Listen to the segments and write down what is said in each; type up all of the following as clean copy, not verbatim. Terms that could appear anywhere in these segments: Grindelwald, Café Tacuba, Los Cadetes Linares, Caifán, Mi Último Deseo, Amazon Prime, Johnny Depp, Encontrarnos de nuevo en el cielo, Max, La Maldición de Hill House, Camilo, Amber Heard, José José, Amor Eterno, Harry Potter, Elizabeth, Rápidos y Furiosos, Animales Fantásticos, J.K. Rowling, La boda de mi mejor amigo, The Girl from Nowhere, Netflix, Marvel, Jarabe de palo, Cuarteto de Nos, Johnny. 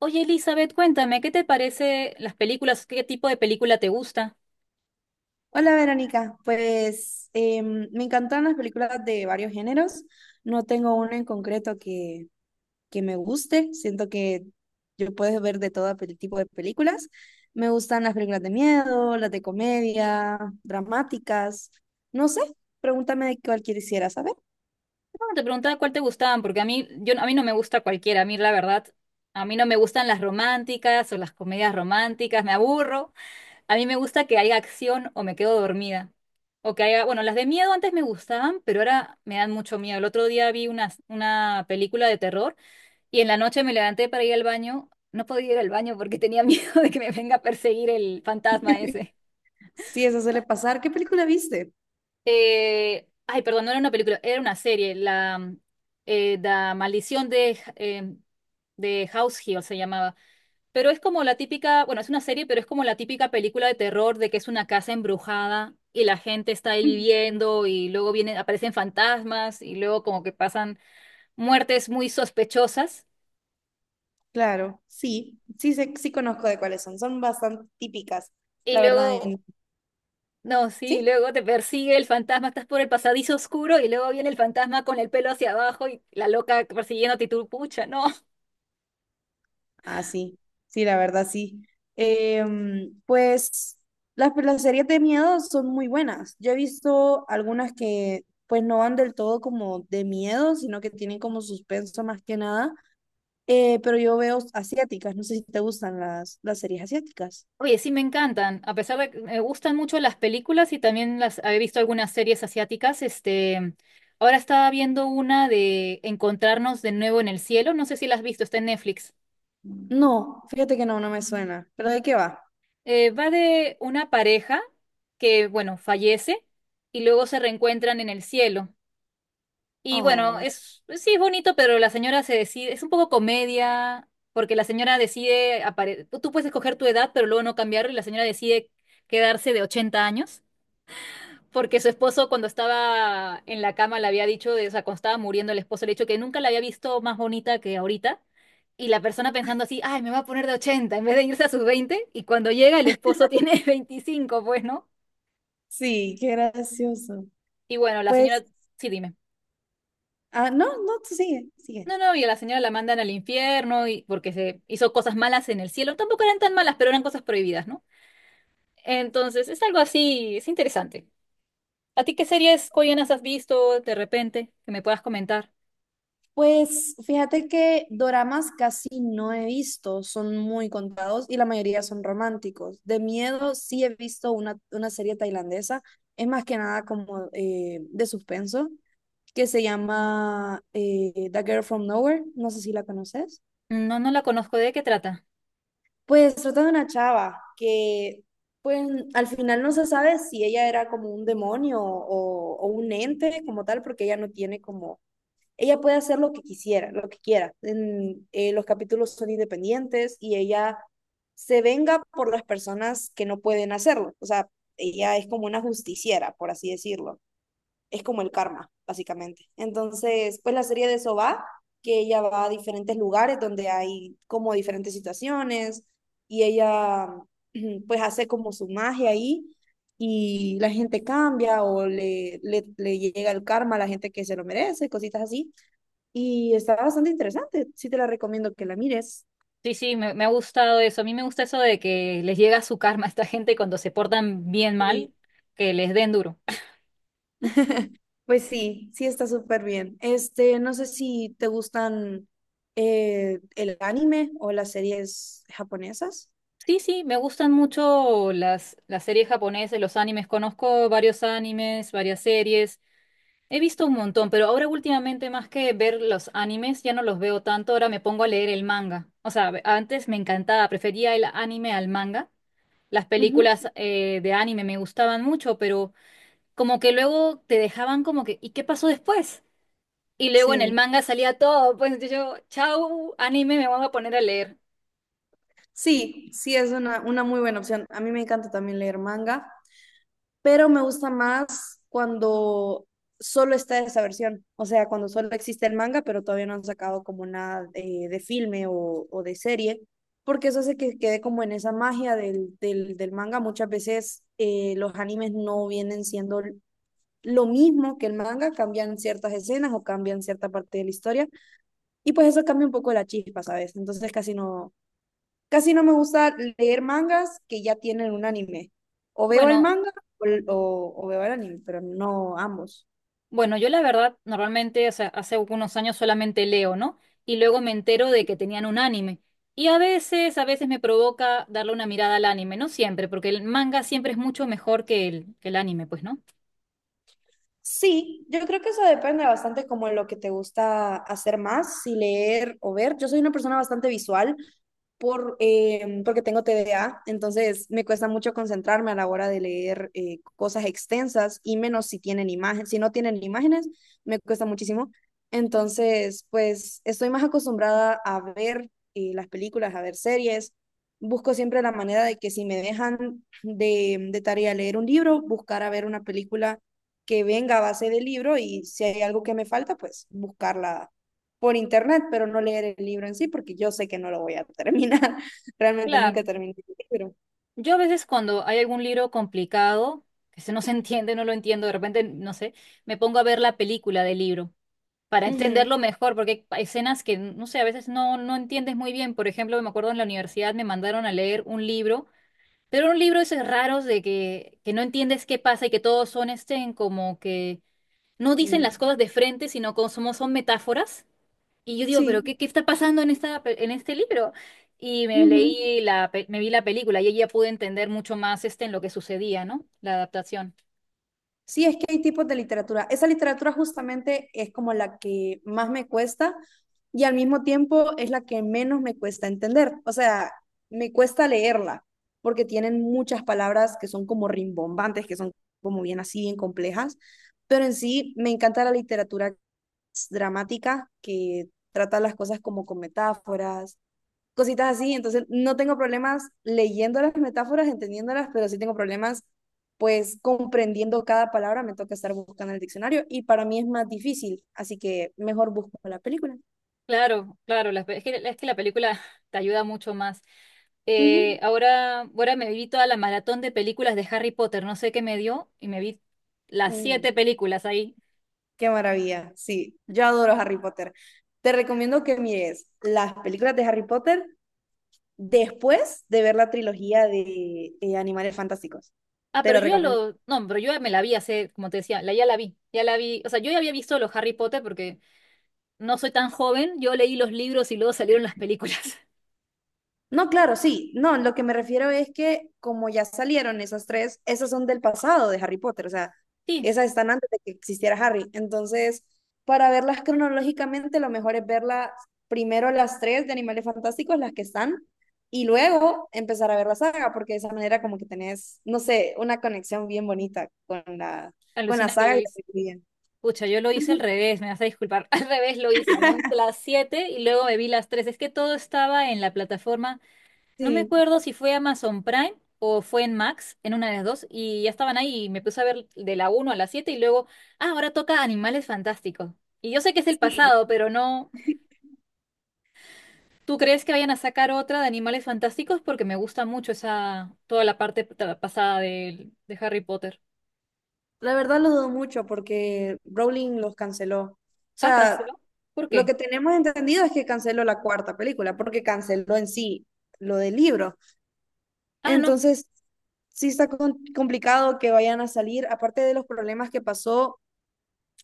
Oye, Elizabeth, cuéntame, ¿qué te parece las películas? ¿Qué tipo de película te gusta? Hola Verónica, pues me encantan las películas de varios géneros. No tengo una en concreto que me guste. Siento que yo puedo ver de todo tipo de películas. Me gustan las películas de miedo, las de comedia, dramáticas. No sé, pregúntame de cuál quisiera saber. No, te preguntaba cuál te gustaban, porque a mí, yo, a mí no me gusta cualquiera, a mí la verdad, a mí no me gustan las románticas o las comedias románticas, me aburro. A mí me gusta que haya acción o me quedo dormida. O que haya, bueno, las de miedo antes me gustaban, pero ahora me dan mucho miedo. El otro día vi una película de terror y en la noche me levanté para ir al baño. No podía ir al baño porque tenía miedo de que me venga a perseguir el fantasma ese. Si eso suele pasar, ¿qué película viste? Ay, perdón, no era una película, era una serie. La Maldición de House Hill se llamaba. Pero es como la típica, bueno, es una serie, pero es como la típica película de terror de que es una casa embrujada y la gente está ahí Mm. viviendo y luego vienen, aparecen fantasmas y luego como que pasan muertes muy sospechosas. Claro, sí, sí, sí conozco de cuáles son. Son bastante típicas, Y la verdad. luego, no, sí, ¿Sí? luego te persigue el fantasma, estás por el pasadizo oscuro y luego viene el fantasma con el pelo hacia abajo y la loca persiguiéndote y tú, pucha, no. Ah, sí, sí, la verdad sí. Pues las series de miedo son muy buenas. Yo he visto algunas que pues no van del todo como de miedo, sino que tienen como suspenso más que nada. Pero yo veo asiáticas, no sé si te gustan las series asiáticas. Oye, sí me encantan, a pesar de que me gustan mucho las películas y también las he visto algunas series asiáticas, este, ahora estaba viendo una de Encontrarnos de Nuevo en el Cielo, no sé si la has visto, está en Netflix. No, fíjate que no, no me suena. ¿Pero de qué va? Va de una pareja que, bueno, fallece y luego se reencuentran en el cielo. Y bueno, Ay, es, sí es bonito, pero la señora se decide, es un poco comedia, porque la señora decide, tú puedes escoger tu edad, pero luego no cambiarlo y la señora decide quedarse de 80 años. Porque su esposo cuando estaba en la cama le había dicho, o sea, cuando estaba muriendo el esposo le había dicho que nunca la había visto más bonita que ahorita. Y la persona pensando así, ay, me va a poner de 80 en vez de irse a sus veinte. Y cuando llega el esposo tiene 25, pues, ¿no? sí, qué gracioso. Y bueno, la Pues, señora, sí, dime. ah, no, no, tú sigue, sigue. No, no, y a la señora la mandan al infierno y porque se hizo cosas malas en el cielo. Tampoco eran tan malas, pero eran cosas prohibidas, ¿no? Entonces, es algo así, es interesante. ¿A ti qué series coreanas has visto de repente que me puedas comentar? Pues fíjate que doramas casi no he visto, son muy contados y la mayoría son románticos. De miedo sí he visto una serie tailandesa, es más que nada como de suspenso, que se llama The Girl from Nowhere, no sé si la conoces. No, no la conozco. ¿De qué trata? Pues trata de una chava que pues al final no se sabe si ella era como un demonio o un ente como tal, porque ella no tiene como ella puede hacer lo que quisiera, lo que quiera. Los capítulos son independientes y ella se venga por las personas que no pueden hacerlo. O sea, ella es como una justiciera, por así decirlo. Es como el karma, básicamente. Entonces, pues la serie de eso va, que ella va a diferentes lugares donde hay como diferentes situaciones y ella pues hace como su magia ahí y la gente cambia o le llega el karma a la gente que se lo merece, cositas así, y está bastante interesante. Sí te la recomiendo que la mires. Me ha gustado eso. A mí me gusta eso de que les llega su karma a esta gente cuando se portan bien Sí. mal, que les den duro. Pues sí, sí está súper bien. Este, no sé si te gustan el anime o las series japonesas. Sí, sí, me gustan mucho las series japonesas, los animes. Conozco varios animes, varias series. He visto un montón, pero ahora últimamente más que ver los animes, ya no los veo tanto. Ahora me pongo a leer el manga. O sea, antes me encantaba, prefería el anime al manga. Las Ujú. películas de anime me gustaban mucho, pero como que luego te dejaban como que, ¿y qué pasó después? Y luego en el Sí, manga salía todo, pues yo, chau, anime, me voy a poner a leer. sí, sí es una muy buena opción. A mí me encanta también leer manga, pero me gusta más cuando solo está esa versión, o sea, cuando solo existe el manga, pero todavía no han sacado como nada de filme o de serie, porque eso hace que quede como en esa magia del manga. Muchas veces los animes no vienen siendo lo mismo que el manga, cambian ciertas escenas o cambian cierta parte de la historia, y pues eso cambia un poco la chispa, ¿sabes? Entonces casi no, casi no me gusta leer mangas que ya tienen un anime. O veo el Bueno, manga o, o veo el anime, pero no ambos. bueno, yo la verdad, normalmente, o sea, hace algunos años solamente leo, ¿no? Y luego me entero de que tenían un anime. Y a veces me provoca darle una mirada al anime, no siempre, porque el manga siempre es mucho mejor que el anime, pues, ¿no? Sí, yo creo que eso depende bastante como lo que te gusta hacer más, si leer o ver. Yo soy una persona bastante visual, porque tengo TDA, entonces me cuesta mucho concentrarme a la hora de leer cosas extensas y menos si tienen imágenes. Si no tienen imágenes, me cuesta muchísimo. Entonces, pues estoy más acostumbrada a ver las películas, a ver series. Busco siempre la manera de que si me dejan de tarea leer un libro, buscar a ver una película que venga a base del libro y si hay algo que me falta, pues buscarla por internet, pero no leer el libro en sí, porque yo sé que no lo voy a terminar. Realmente Claro. nunca terminé el libro. Yo a veces cuando hay algún libro complicado, que se no se entiende, no lo entiendo, de repente, no sé, me pongo a ver la película del libro, para Ujú. entenderlo mejor, porque hay escenas que, no sé, a veces no, no entiendes muy bien. Por ejemplo, me acuerdo en la universidad me mandaron a leer un libro, pero era un libro de esos raros de que no entiendes qué pasa y que todos son estén como que no dicen las Mm. cosas de frente, sino como son, son metáforas. Y yo digo, pero Sí. ¿qué, qué está pasando en esta, en este libro? Y me Ujú. leí la, me vi la película y ahí ya pude entender mucho más este en lo que sucedía, ¿no? La adaptación. Sí, es que hay tipos de literatura. Esa literatura justamente es como la que más me cuesta y al mismo tiempo es la que menos me cuesta entender. O sea, me cuesta leerla porque tienen muchas palabras que son como rimbombantes, que son como bien así, bien complejas, pero en sí me encanta la literatura dramáticas que tratan las cosas como con metáforas, cositas así. Entonces, no tengo problemas leyendo las metáforas, entendiéndolas, pero sí tengo problemas pues comprendiendo cada palabra, me toca estar buscando en el diccionario y para mí es más difícil, así que mejor busco la película. Claro, claro, la es que la película te ayuda mucho más. Eh, Ujú. ahora, ahora me vi toda la maratón de películas de Harry Potter, no sé qué me dio, y me vi las Mm, siete películas ahí. qué maravilla, sí, yo adoro Harry Potter. Te recomiendo que mires las películas de Harry Potter después de ver la trilogía de Animales Fantásticos. Ah, Te pero lo yo ya recomiendo. lo, no, pero yo ya me la vi hace, como te decía, la, ya la vi, o sea, yo ya había visto los Harry Potter porque no soy tan joven, yo leí los libros y luego salieron las películas. No, claro, sí. No, lo que me refiero es que como ya salieron esas tres, esas son del pasado de Harry Potter, o sea, Sí, esas están antes de que existiera Harry. Entonces, para verlas cronológicamente, lo mejor es verlas primero las tres de Animales Fantásticos, las que están, y luego empezar a ver la saga, porque de esa manera como que tenés, no sé, una conexión bien bonita con la, alucina que lo saga y la hice. película. Pucha, yo lo hice al Ujú. revés, me vas a disculpar, al revés lo hice, me vi las siete y luego me vi las tres, es que todo estaba en la plataforma. No me Sí, acuerdo si fue Amazon Prime o fue en Max, en una de las dos, y ya estaban ahí y me puse a ver de la 1 a la 7 y luego, ah, ahora toca Animales Fantásticos. Y yo sé que es el sí. pasado, pero no. ¿Tú crees que vayan a sacar otra de Animales Fantásticos? Porque me gusta mucho esa, toda la parte pasada de Harry Potter. La verdad lo dudo mucho porque Rowling los canceló. O Ah, sea, canceló. ¿Por lo qué? que tenemos entendido es que canceló la cuarta película, porque canceló en sí lo del libro. Ah, no. Entonces, sí está complicado que vayan a salir, aparte de los problemas que pasó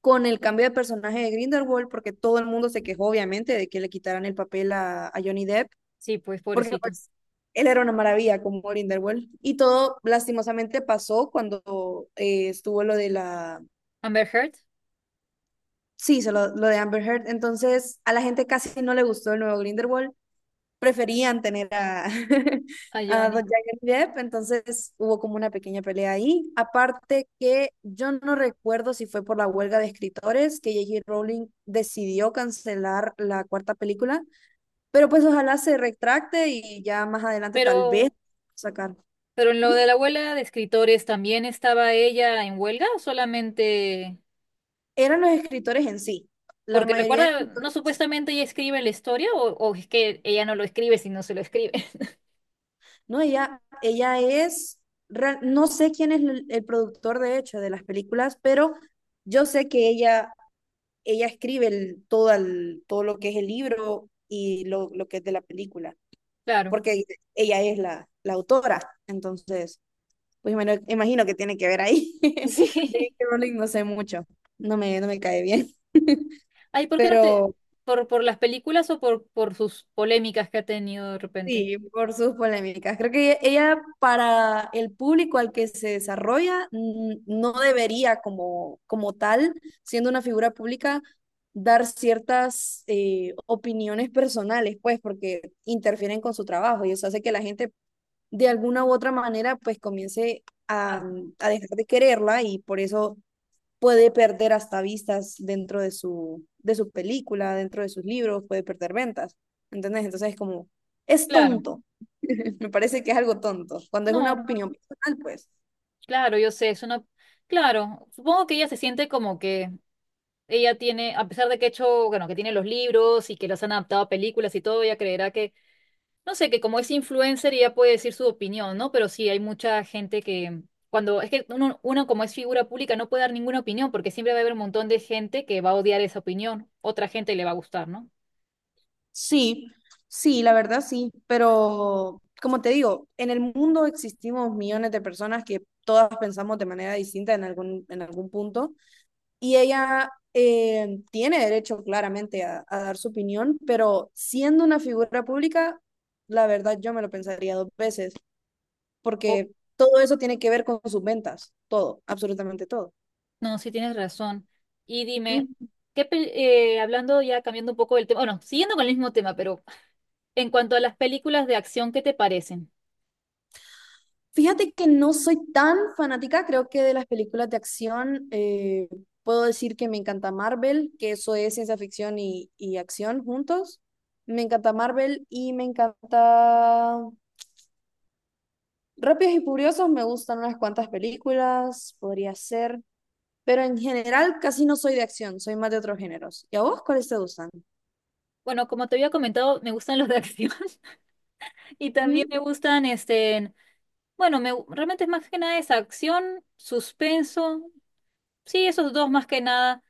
con el cambio de personaje de Grindelwald, porque todo el mundo se quejó, obviamente, de que le quitaran el papel a Johnny Depp, Sí, pues porque pobrecito. pues él era una maravilla como Grindelwald. Y todo lastimosamente pasó cuando estuvo lo de la... Amber Heard, Sí, lo de Amber Heard. Entonces, a la gente casi no le gustó el nuevo Grindelwald. Preferían tener a, a a don Johnny. Johnny Depp, entonces hubo como una pequeña pelea ahí. Aparte que yo no recuerdo si fue por la huelga de escritores que J.K. Rowling decidió cancelar la cuarta película, pero pues ojalá se retracte y ya más adelante tal vez Pero, sacar. pero en lo ¿Mm? de la abuela de escritores, ¿también estaba ella en huelga o solamente? Eran los escritores en sí, la Porque mayoría de recuerda, no escritores. supuestamente ella escribe la historia o es que ella no lo escribe si no se lo escribe. No, ella, no sé quién es el productor de hecho de las películas, pero yo sé que ella escribe todo lo que es el libro y lo que es de la película, Claro. porque ella es la autora. Entonces, pues bueno imagino que tiene que ver ahí. David Sí. J.K. Rowling no sé mucho, no me cae bien, Ay, ¿por qué no te... pero por las películas o por sus polémicas que ha tenido de repente? sí, por sus polémicas. Creo que ella, para el público al que se desarrolla no debería como tal, siendo una figura pública, dar ciertas opiniones personales, pues, porque interfieren con su trabajo y eso hace que la gente de alguna u otra manera pues comience a, Ah, a dejar de quererla y por eso puede perder hasta vistas dentro de su película, dentro de sus libros, puede perder ventas. ¿Entendés? Entonces es como, es claro. tonto. Me parece que es algo tonto. Cuando es No, una no. opinión personal, pues Claro, yo sé, es una... Claro, supongo que ella se siente como que ella tiene, a pesar de que ha hecho, bueno, que tiene los libros y que los han adaptado a películas y todo, ella creerá que no sé, que como es influencer ya puede decir su opinión, ¿no? Pero sí, hay mucha gente que cuando es que uno, uno como es figura pública no puede dar ninguna opinión porque siempre va a haber un montón de gente que va a odiar esa opinión, otra gente le va a gustar, ¿no? sí, sí, la verdad sí, pero como te digo, en el mundo existimos millones de personas que todas pensamos de manera distinta en algún punto y ella tiene derecho claramente a dar su opinión, pero siendo una figura pública, la verdad yo me lo pensaría dos veces, O, porque todo eso tiene que ver con sus ventas, todo, absolutamente todo. no, sí tienes razón. Y dime, Mm. ¿qué hablando ya cambiando un poco del tema, bueno, siguiendo con el mismo tema, pero en cuanto a las películas de acción, ¿qué te parecen? Fíjate que no soy tan fanática, creo que de las películas de acción puedo decir que me encanta Marvel, que eso es ciencia ficción y acción juntos. Me encanta Marvel y me encanta Rápidos y Furiosos, me gustan unas cuantas películas, podría ser, pero en general casi no soy de acción, soy más de otros géneros. ¿Y a vos cuáles te gustan? Bueno, como te había comentado, me gustan los de acción y también me Ujú. gustan este bueno, me, realmente es más que nada esa acción, suspenso. Sí, esos dos más que nada.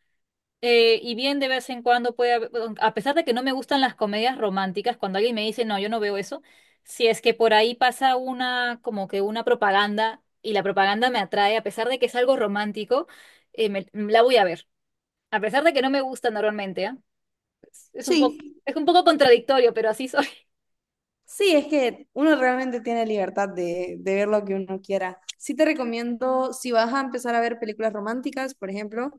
Y bien de vez en cuando puede haber, bueno, a pesar de que no me gustan las comedias románticas, cuando alguien me dice, no, yo no veo eso, si es que por ahí pasa una, como que una propaganda y la propaganda me atrae, a pesar de que es algo romántico, la voy a ver. A pesar de que no me gusta normalmente, ¿ah? Es un Sí. poco, es un poco contradictorio, pero así soy. Sí, es que uno realmente tiene libertad de ver lo que uno quiera. Sí te recomiendo, si vas a empezar a ver películas románticas, por ejemplo,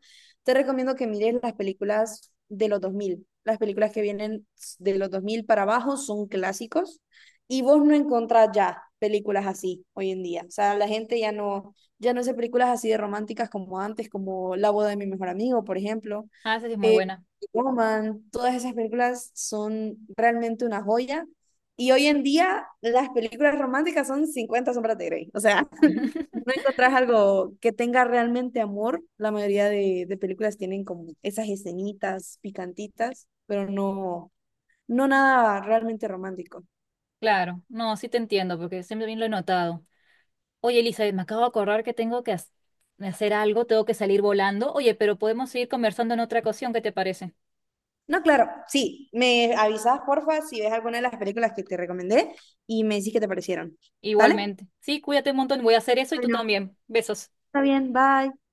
te recomiendo que mires las películas de los dos mil. Las películas que vienen de los 2000 para abajo son clásicos y vos no encontrás ya películas así hoy en día. O sea, la gente ya no hace películas así de románticas como antes, como La boda de mi mejor amigo, por ejemplo. Ah, esa sí es muy Eh, buena. Woman, todas esas películas son realmente una joya y hoy en día las películas románticas son Cincuenta sombras de Grey. O sea, no encontrás algo que tenga realmente amor. La mayoría de películas tienen como esas escenitas picantitas, pero no, no nada realmente romántico. Claro, no, sí te entiendo, porque siempre bien lo he notado. Oye, Elizabeth, me acabo de acordar que tengo que hacer algo, tengo que salir volando. Oye, pero podemos seguir conversando en otra ocasión, ¿qué te parece? No, claro, sí, me avisas porfa si ves alguna de las películas que te recomendé y me decís qué te parecieron. ¿Vale? Igualmente. Sí, cuídate un montón, voy a hacer eso y tú Bueno, también. Besos. está bien, bye.